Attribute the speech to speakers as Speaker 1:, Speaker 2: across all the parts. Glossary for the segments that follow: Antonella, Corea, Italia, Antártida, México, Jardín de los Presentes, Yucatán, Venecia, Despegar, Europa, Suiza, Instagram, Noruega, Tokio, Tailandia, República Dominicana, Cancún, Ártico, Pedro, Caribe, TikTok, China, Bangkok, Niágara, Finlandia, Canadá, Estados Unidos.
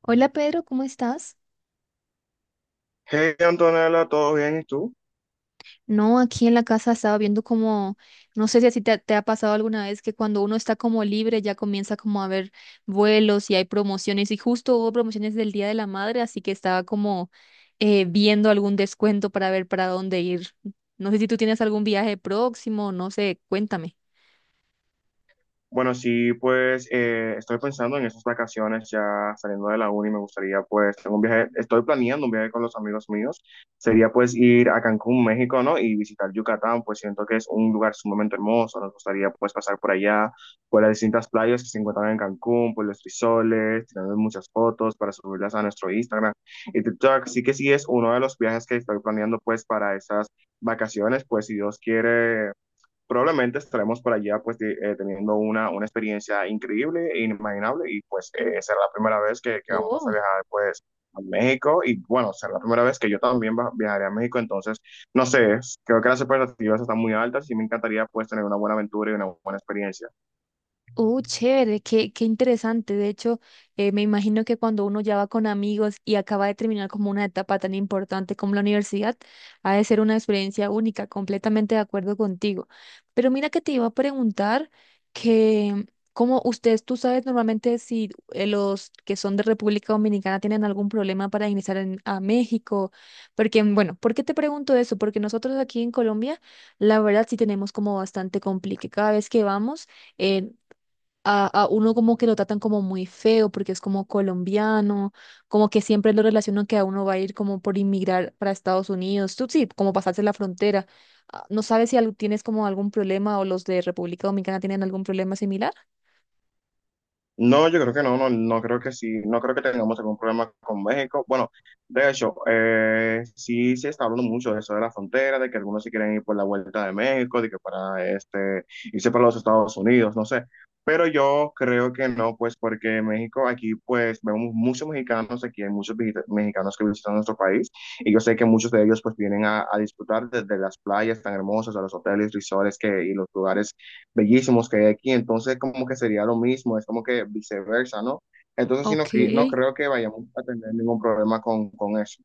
Speaker 1: Hola Pedro, ¿cómo estás?
Speaker 2: Hey Antonella, ¿todo bien? ¿Y tú?
Speaker 1: No, aquí en la casa estaba viendo como, no sé si así te ha pasado alguna vez que cuando uno está como libre ya comienza como a ver vuelos y hay promociones y justo hubo promociones del Día de la Madre, así que estaba como viendo algún descuento para ver para dónde ir. No sé si tú tienes algún viaje próximo, no sé, cuéntame.
Speaker 2: Bueno, sí, pues estoy pensando en esas vacaciones ya saliendo de la uni, me gustaría pues, tengo un viaje, estoy planeando un viaje con los amigos míos, sería pues ir a Cancún, México, ¿no? Y visitar Yucatán, pues siento que es un lugar sumamente hermoso, nos gustaría pues pasar por allá, por las distintas playas que se encuentran en Cancún, por los frisoles, tirando muchas fotos para subirlas a nuestro Instagram y TikTok, así que sí es uno de los viajes que estoy planeando pues para esas vacaciones, pues si Dios quiere. Probablemente estaremos por allá pues teniendo una experiencia increíble e inimaginable y pues será la primera vez que vamos a viajar pues a México y bueno, será la primera vez que yo también viajaré a México, entonces no sé, creo que las expectativas están muy altas y me encantaría pues tener una buena aventura y una buena experiencia.
Speaker 1: Chévere, qué interesante. De hecho, me imagino que cuando uno ya va con amigos y acaba de terminar como una etapa tan importante como la universidad, ha de ser una experiencia única, completamente de acuerdo contigo. Pero mira que te iba a preguntar que, como ustedes, tú sabes normalmente si los que son de República Dominicana tienen algún problema para ingresar a México, porque, bueno, ¿por qué te pregunto eso? Porque nosotros aquí en Colombia, la verdad sí tenemos como bastante complique. Cada vez que vamos, eh, a uno como que lo tratan como muy feo porque es como colombiano, como que siempre lo relacionan que a uno va a ir como por inmigrar para Estados Unidos, tú sí, como pasarse la frontera. Ah. ¿No sabes si tienes como algún problema o los de República Dominicana tienen algún problema similar?
Speaker 2: No, yo creo que no, no, no creo que sí, no creo que tengamos algún problema con México. Bueno, de hecho, sí se está hablando mucho de eso de la frontera, de que algunos se quieren ir por la vuelta de México, de que para este, irse para los Estados Unidos, no sé. Pero yo creo que no, pues porque México aquí, pues vemos muchos mexicanos aquí, hay muchos mexicanos que visitan nuestro país y yo sé que muchos de ellos pues vienen a disfrutar desde las playas tan hermosas, a los hoteles, resorts que, y los lugares bellísimos que hay aquí, entonces como que sería lo mismo, es como que viceversa, ¿no? Entonces sí,
Speaker 1: Ok.
Speaker 2: no, no creo que vayamos a tener ningún problema con eso.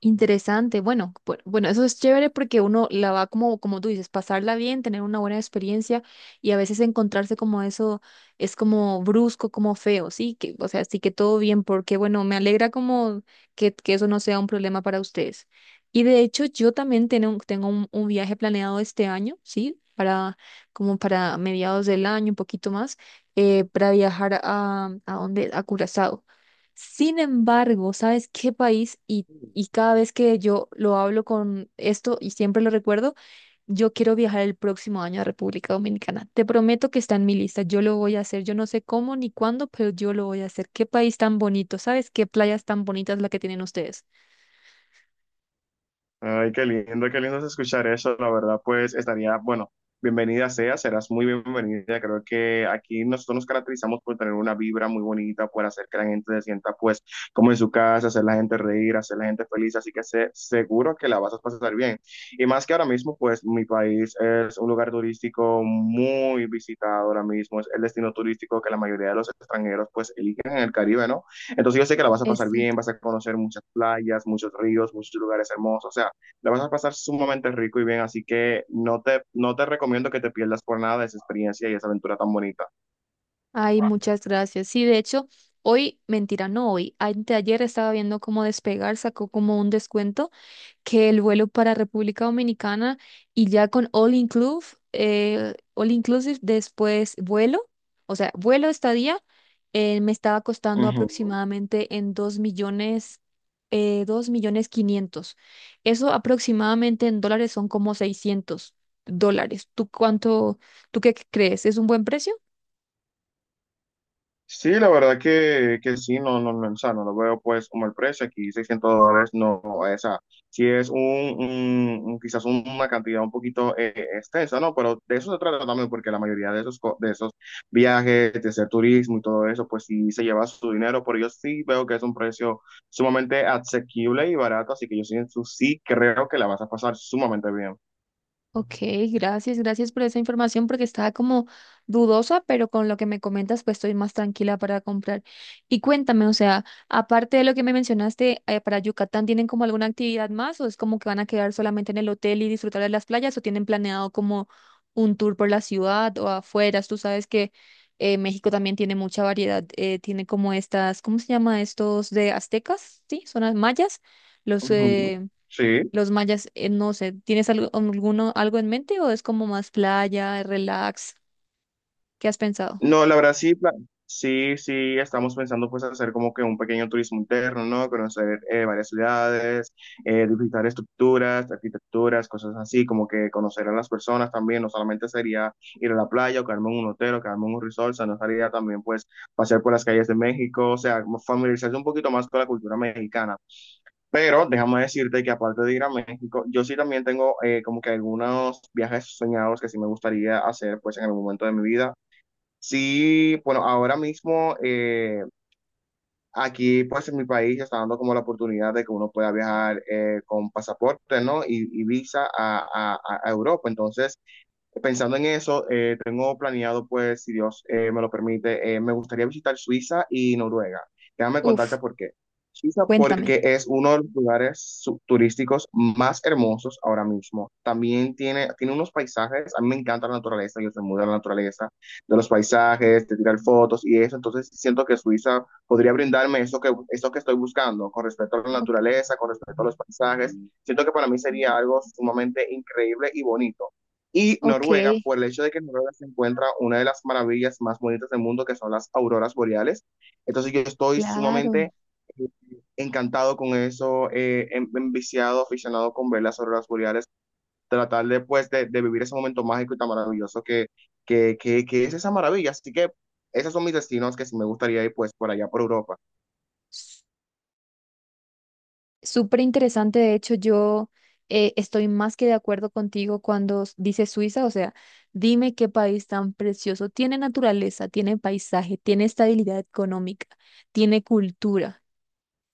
Speaker 1: Interesante. Bueno, bueno, eso es chévere porque uno la va como, como tú dices, pasarla bien, tener una buena experiencia y a veces encontrarse como eso es como brusco, como feo, sí, que, o sea, sí que todo bien, porque bueno, me alegra como que eso no sea un problema para ustedes. Y de hecho, yo también tengo un viaje planeado este año, sí, para como para mediados del año, un poquito más, para viajar ¿a dónde? A Curazao. Sin embargo, ¿sabes qué país? Y cada vez que yo lo hablo con esto y siempre lo recuerdo, yo quiero viajar el próximo año a República Dominicana. Te prometo que está en mi lista. Yo lo voy a hacer. Yo no sé cómo ni cuándo, pero yo lo voy a hacer. Qué país tan bonito, ¿sabes? Qué playas tan bonitas la que tienen ustedes.
Speaker 2: Ay, qué lindo es escuchar eso. La verdad, pues estaría, bueno, bienvenida sea, serás muy bienvenida. Creo que aquí nosotros nos caracterizamos por tener una vibra muy bonita, por hacer que la gente se sienta, pues, como en su casa, hacer la gente reír, hacer la gente feliz. Así que sé, seguro que la vas a pasar bien. Y más que ahora mismo, pues, mi país es un lugar turístico muy visitado ahora mismo. Es el destino turístico que la mayoría de los extranjeros, pues, eligen en el Caribe, ¿no? Entonces yo sé que la vas a pasar bien,
Speaker 1: Exacto.
Speaker 2: vas a conocer muchas playas, muchos ríos, muchos lugares hermosos. O sea, la vas a pasar sumamente rico y bien, así que no te recomiendo que te pierdas por nada de esa experiencia y esa aventura tan bonita.
Speaker 1: Ay, muchas gracias. Sí, de hecho, hoy, mentira, no hoy, anteayer estaba viendo cómo Despegar sacó como un descuento que el vuelo para República Dominicana y ya con all inclusive después vuelo, o sea, vuelo estadía, me estaba costando
Speaker 2: Ujú.
Speaker 1: aproximadamente en 2 millones, 2 millones quinientos. Eso aproximadamente en dólares son como 600 dólares. ¿Tú qué crees? ¿Es un buen precio?
Speaker 2: Sí, la verdad que sí, no, no, no, o sea, no lo veo pues como el precio, aquí $600 no, o sea, sí es quizás una cantidad un poquito extensa, ¿no? Pero de eso se trata también, porque la mayoría de esos, de esos viajes, de ese turismo y todo eso, pues sí se lleva su dinero, pero yo sí veo que es un precio sumamente asequible y barato, así que yo sí, sí creo que la vas a pasar sumamente bien.
Speaker 1: Ok, gracias, gracias por esa información porque estaba como dudosa, pero con lo que me comentas, pues estoy más tranquila para comprar. Y cuéntame, o sea, aparte de lo que me mencionaste, para Yucatán, ¿tienen como alguna actividad más o es como que van a quedar solamente en el hotel y disfrutar de las playas o tienen planeado como un tour por la ciudad o afueras? Tú sabes que México también tiene mucha variedad, tiene como estas, ¿cómo se llama estos de aztecas? Sí, son las mayas, los...
Speaker 2: Ujú.
Speaker 1: eh,
Speaker 2: Sí.
Speaker 1: los mayas, no sé, ¿tienes algo, alguno, algo en mente o es como más playa, relax? ¿Qué has pensado?
Speaker 2: No, la verdad sí, sí, sí, estamos pensando pues hacer como que un pequeño turismo interno, ¿no? Conocer varias ciudades, visitar estructuras, arquitecturas, cosas así, como que conocer a las personas también, no solamente sería ir a la playa o quedarme en un hotel o quedarme en un resort, sino sería también pues pasear por las calles de México, o sea, como familiarizarse un poquito más con la cultura mexicana. Pero déjame decirte que aparte de ir a México, yo sí también tengo como que algunos viajes soñados que sí me gustaría hacer pues en algún momento de mi vida. Sí, bueno, ahora mismo aquí pues en mi país se está dando como la oportunidad de que uno pueda viajar con pasaporte, ¿no? Y visa a Europa. Entonces, pensando en eso, tengo planeado, pues, si Dios me lo permite, me gustaría visitar Suiza y Noruega. Déjame contarte
Speaker 1: Uf,
Speaker 2: por qué. Suiza
Speaker 1: cuéntame.
Speaker 2: porque es uno de los lugares turísticos más hermosos ahora mismo. También tiene unos paisajes, a mí me encanta la naturaleza, yo soy muy de la naturaleza, de los paisajes, de tirar fotos y eso. Entonces siento que Suiza podría brindarme eso que estoy buscando con respecto a la
Speaker 1: Ok,
Speaker 2: naturaleza, con respecto a los paisajes. Siento que para mí sería algo sumamente increíble y bonito. Y
Speaker 1: ok,
Speaker 2: Noruega, por el hecho de que en Noruega se encuentra una de las maravillas más bonitas del mundo, que son las auroras boreales. Entonces yo estoy
Speaker 1: claro.
Speaker 2: sumamente eh, encantado con eso, enviciado, aficionado con ver las auroras boreales, tratar de, pues, de vivir ese momento mágico y tan maravilloso que es esa maravilla. Así que esos son mis destinos que sí me gustaría ir pues por allá por Europa.
Speaker 1: S- Súper interesante, de hecho, yo estoy más que de acuerdo contigo cuando dices Suiza, o sea, dime qué país tan precioso. Tiene naturaleza, tiene paisaje, tiene estabilidad económica, tiene cultura.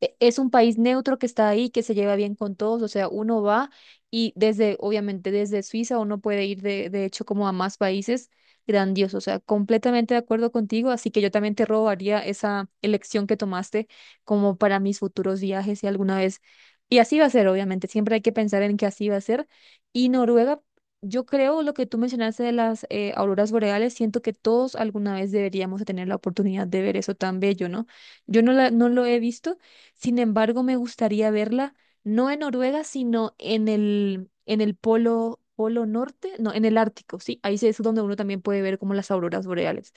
Speaker 1: Es un país neutro que está ahí, que se lleva bien con todos, o sea, uno va y desde, obviamente desde Suiza uno puede ir de hecho como a más países, grandioso, o sea, completamente de acuerdo contigo, así que yo también te robaría esa elección que tomaste como para mis futuros viajes y alguna vez, y así va a ser, obviamente, siempre hay que pensar en que así va a ser, y Noruega, yo creo lo que tú mencionaste de las auroras boreales, siento que todos alguna vez deberíamos de tener la oportunidad de ver eso tan bello, ¿no? Yo no, no lo he visto. Sin embargo, me gustaría verla no en Noruega, sino en el, polo norte, no, en el Ártico, sí, ahí sí es donde uno también puede ver como las auroras boreales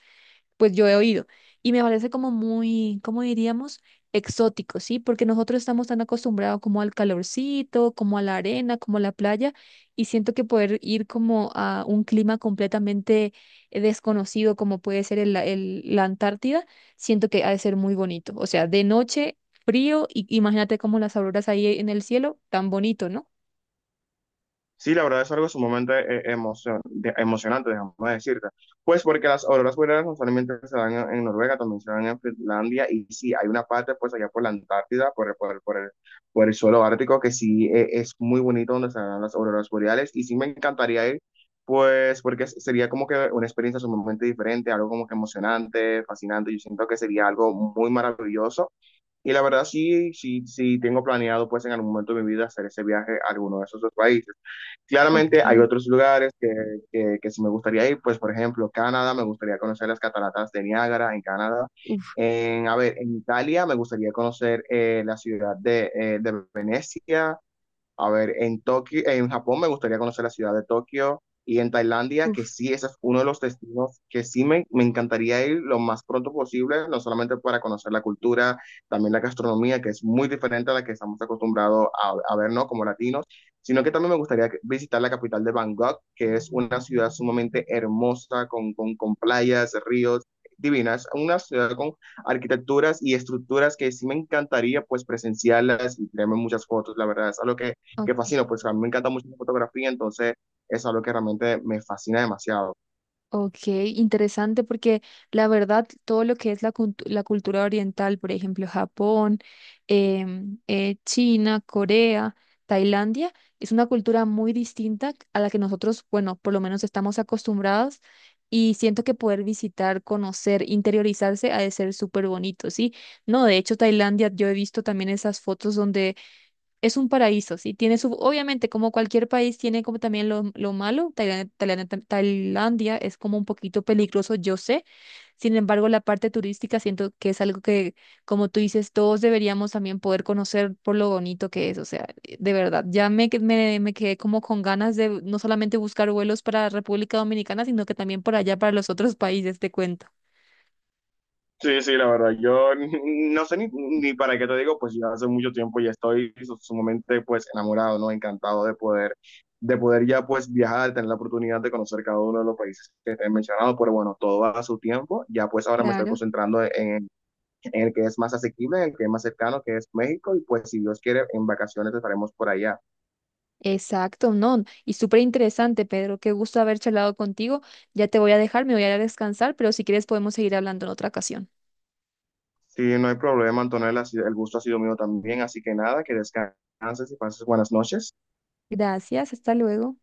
Speaker 1: pues yo he oído. Y me parece como muy, ¿cómo diríamos? Exótico, ¿sí? Porque nosotros estamos tan acostumbrados como al calorcito, como a la arena, como a la playa, y siento que poder ir como a un clima completamente desconocido, como puede ser la Antártida, siento que ha de ser muy bonito. O sea, de noche, frío, y imagínate como las auroras ahí en el cielo, tan bonito, ¿no?
Speaker 2: Sí, la verdad es algo sumamente emocionante, dejamos decirte. Pues porque las auroras boreales no solamente se dan en Noruega, también se dan en Finlandia y sí, hay una parte pues allá por la Antártida, por el suelo ártico, que sí es muy bonito donde se dan las auroras boreales y sí me encantaría ir, pues porque sería como que una experiencia sumamente diferente, algo como que emocionante, fascinante, yo siento que sería algo muy maravilloso. Y la verdad sí, sí, sí tengo planeado pues en algún momento de mi vida hacer ese viaje a alguno de esos dos países.
Speaker 1: Ok,
Speaker 2: Claramente hay otros lugares que sí me gustaría ir, pues por ejemplo Canadá, me gustaría conocer las cataratas de Niágara en Canadá.
Speaker 1: uf,
Speaker 2: A ver, en Italia me gustaría conocer la ciudad de Venecia, a ver, en Tokio, en Japón me gustaría conocer la ciudad de Tokio y en Tailandia, que
Speaker 1: uf,
Speaker 2: sí, ese es uno de los destinos que sí me encantaría ir lo más pronto posible, no solamente para conocer la cultura, también la gastronomía, que es muy diferente a la que estamos acostumbrados a ver, ¿no? Como latinos, sino que también me gustaría visitar la capital de Bangkok, que es una ciudad sumamente hermosa, con, con playas, ríos divinas, una ciudad con arquitecturas y estructuras que sí me encantaría pues presenciarlas y tenerme muchas fotos, la verdad, es algo que
Speaker 1: ok.
Speaker 2: fascino, pues a mí me encanta mucho la fotografía, entonces es algo que realmente me fascina demasiado.
Speaker 1: Ok, interesante porque la verdad todo lo que es la cultura oriental, por ejemplo, Japón, China, Corea, Tailandia, es una cultura muy distinta a la que nosotros, bueno, por lo menos estamos acostumbrados y siento que poder visitar, conocer, interiorizarse ha de ser súper bonito, ¿sí? No, de hecho, Tailandia, yo he visto también esas fotos donde es un paraíso, ¿sí? Tiene su, obviamente, como cualquier país, tiene como también lo malo. Tailandia, es como un poquito peligroso, yo sé. Sin embargo, la parte turística siento que es algo que, como tú dices, todos deberíamos también poder conocer por lo bonito que es. O sea, de verdad, ya me quedé como con ganas de no solamente buscar vuelos para República Dominicana, sino que también por allá para los otros países, te cuento.
Speaker 2: Sí, sí, la verdad, yo no sé ni para qué te digo, pues ya hace mucho tiempo ya estoy sumamente pues enamorado, ¿no? Encantado de poder, ya pues viajar, de tener la oportunidad de conocer cada uno de los países que te he mencionado, pero bueno, todo a su tiempo, ya pues ahora me estoy
Speaker 1: Claro.
Speaker 2: concentrando en el que es más asequible, en el que es más cercano, que es México, y pues si Dios quiere, en vacaciones estaremos por allá.
Speaker 1: Exacto, no. Y súper interesante, Pedro. Qué gusto haber charlado contigo. Ya te voy a dejar, me voy a ir a descansar, pero si quieres podemos seguir hablando en otra ocasión.
Speaker 2: Sí, no hay problema, Antonella. El gusto ha sido mío también. Así que nada, que descanses y pases buenas noches.
Speaker 1: Gracias, hasta luego.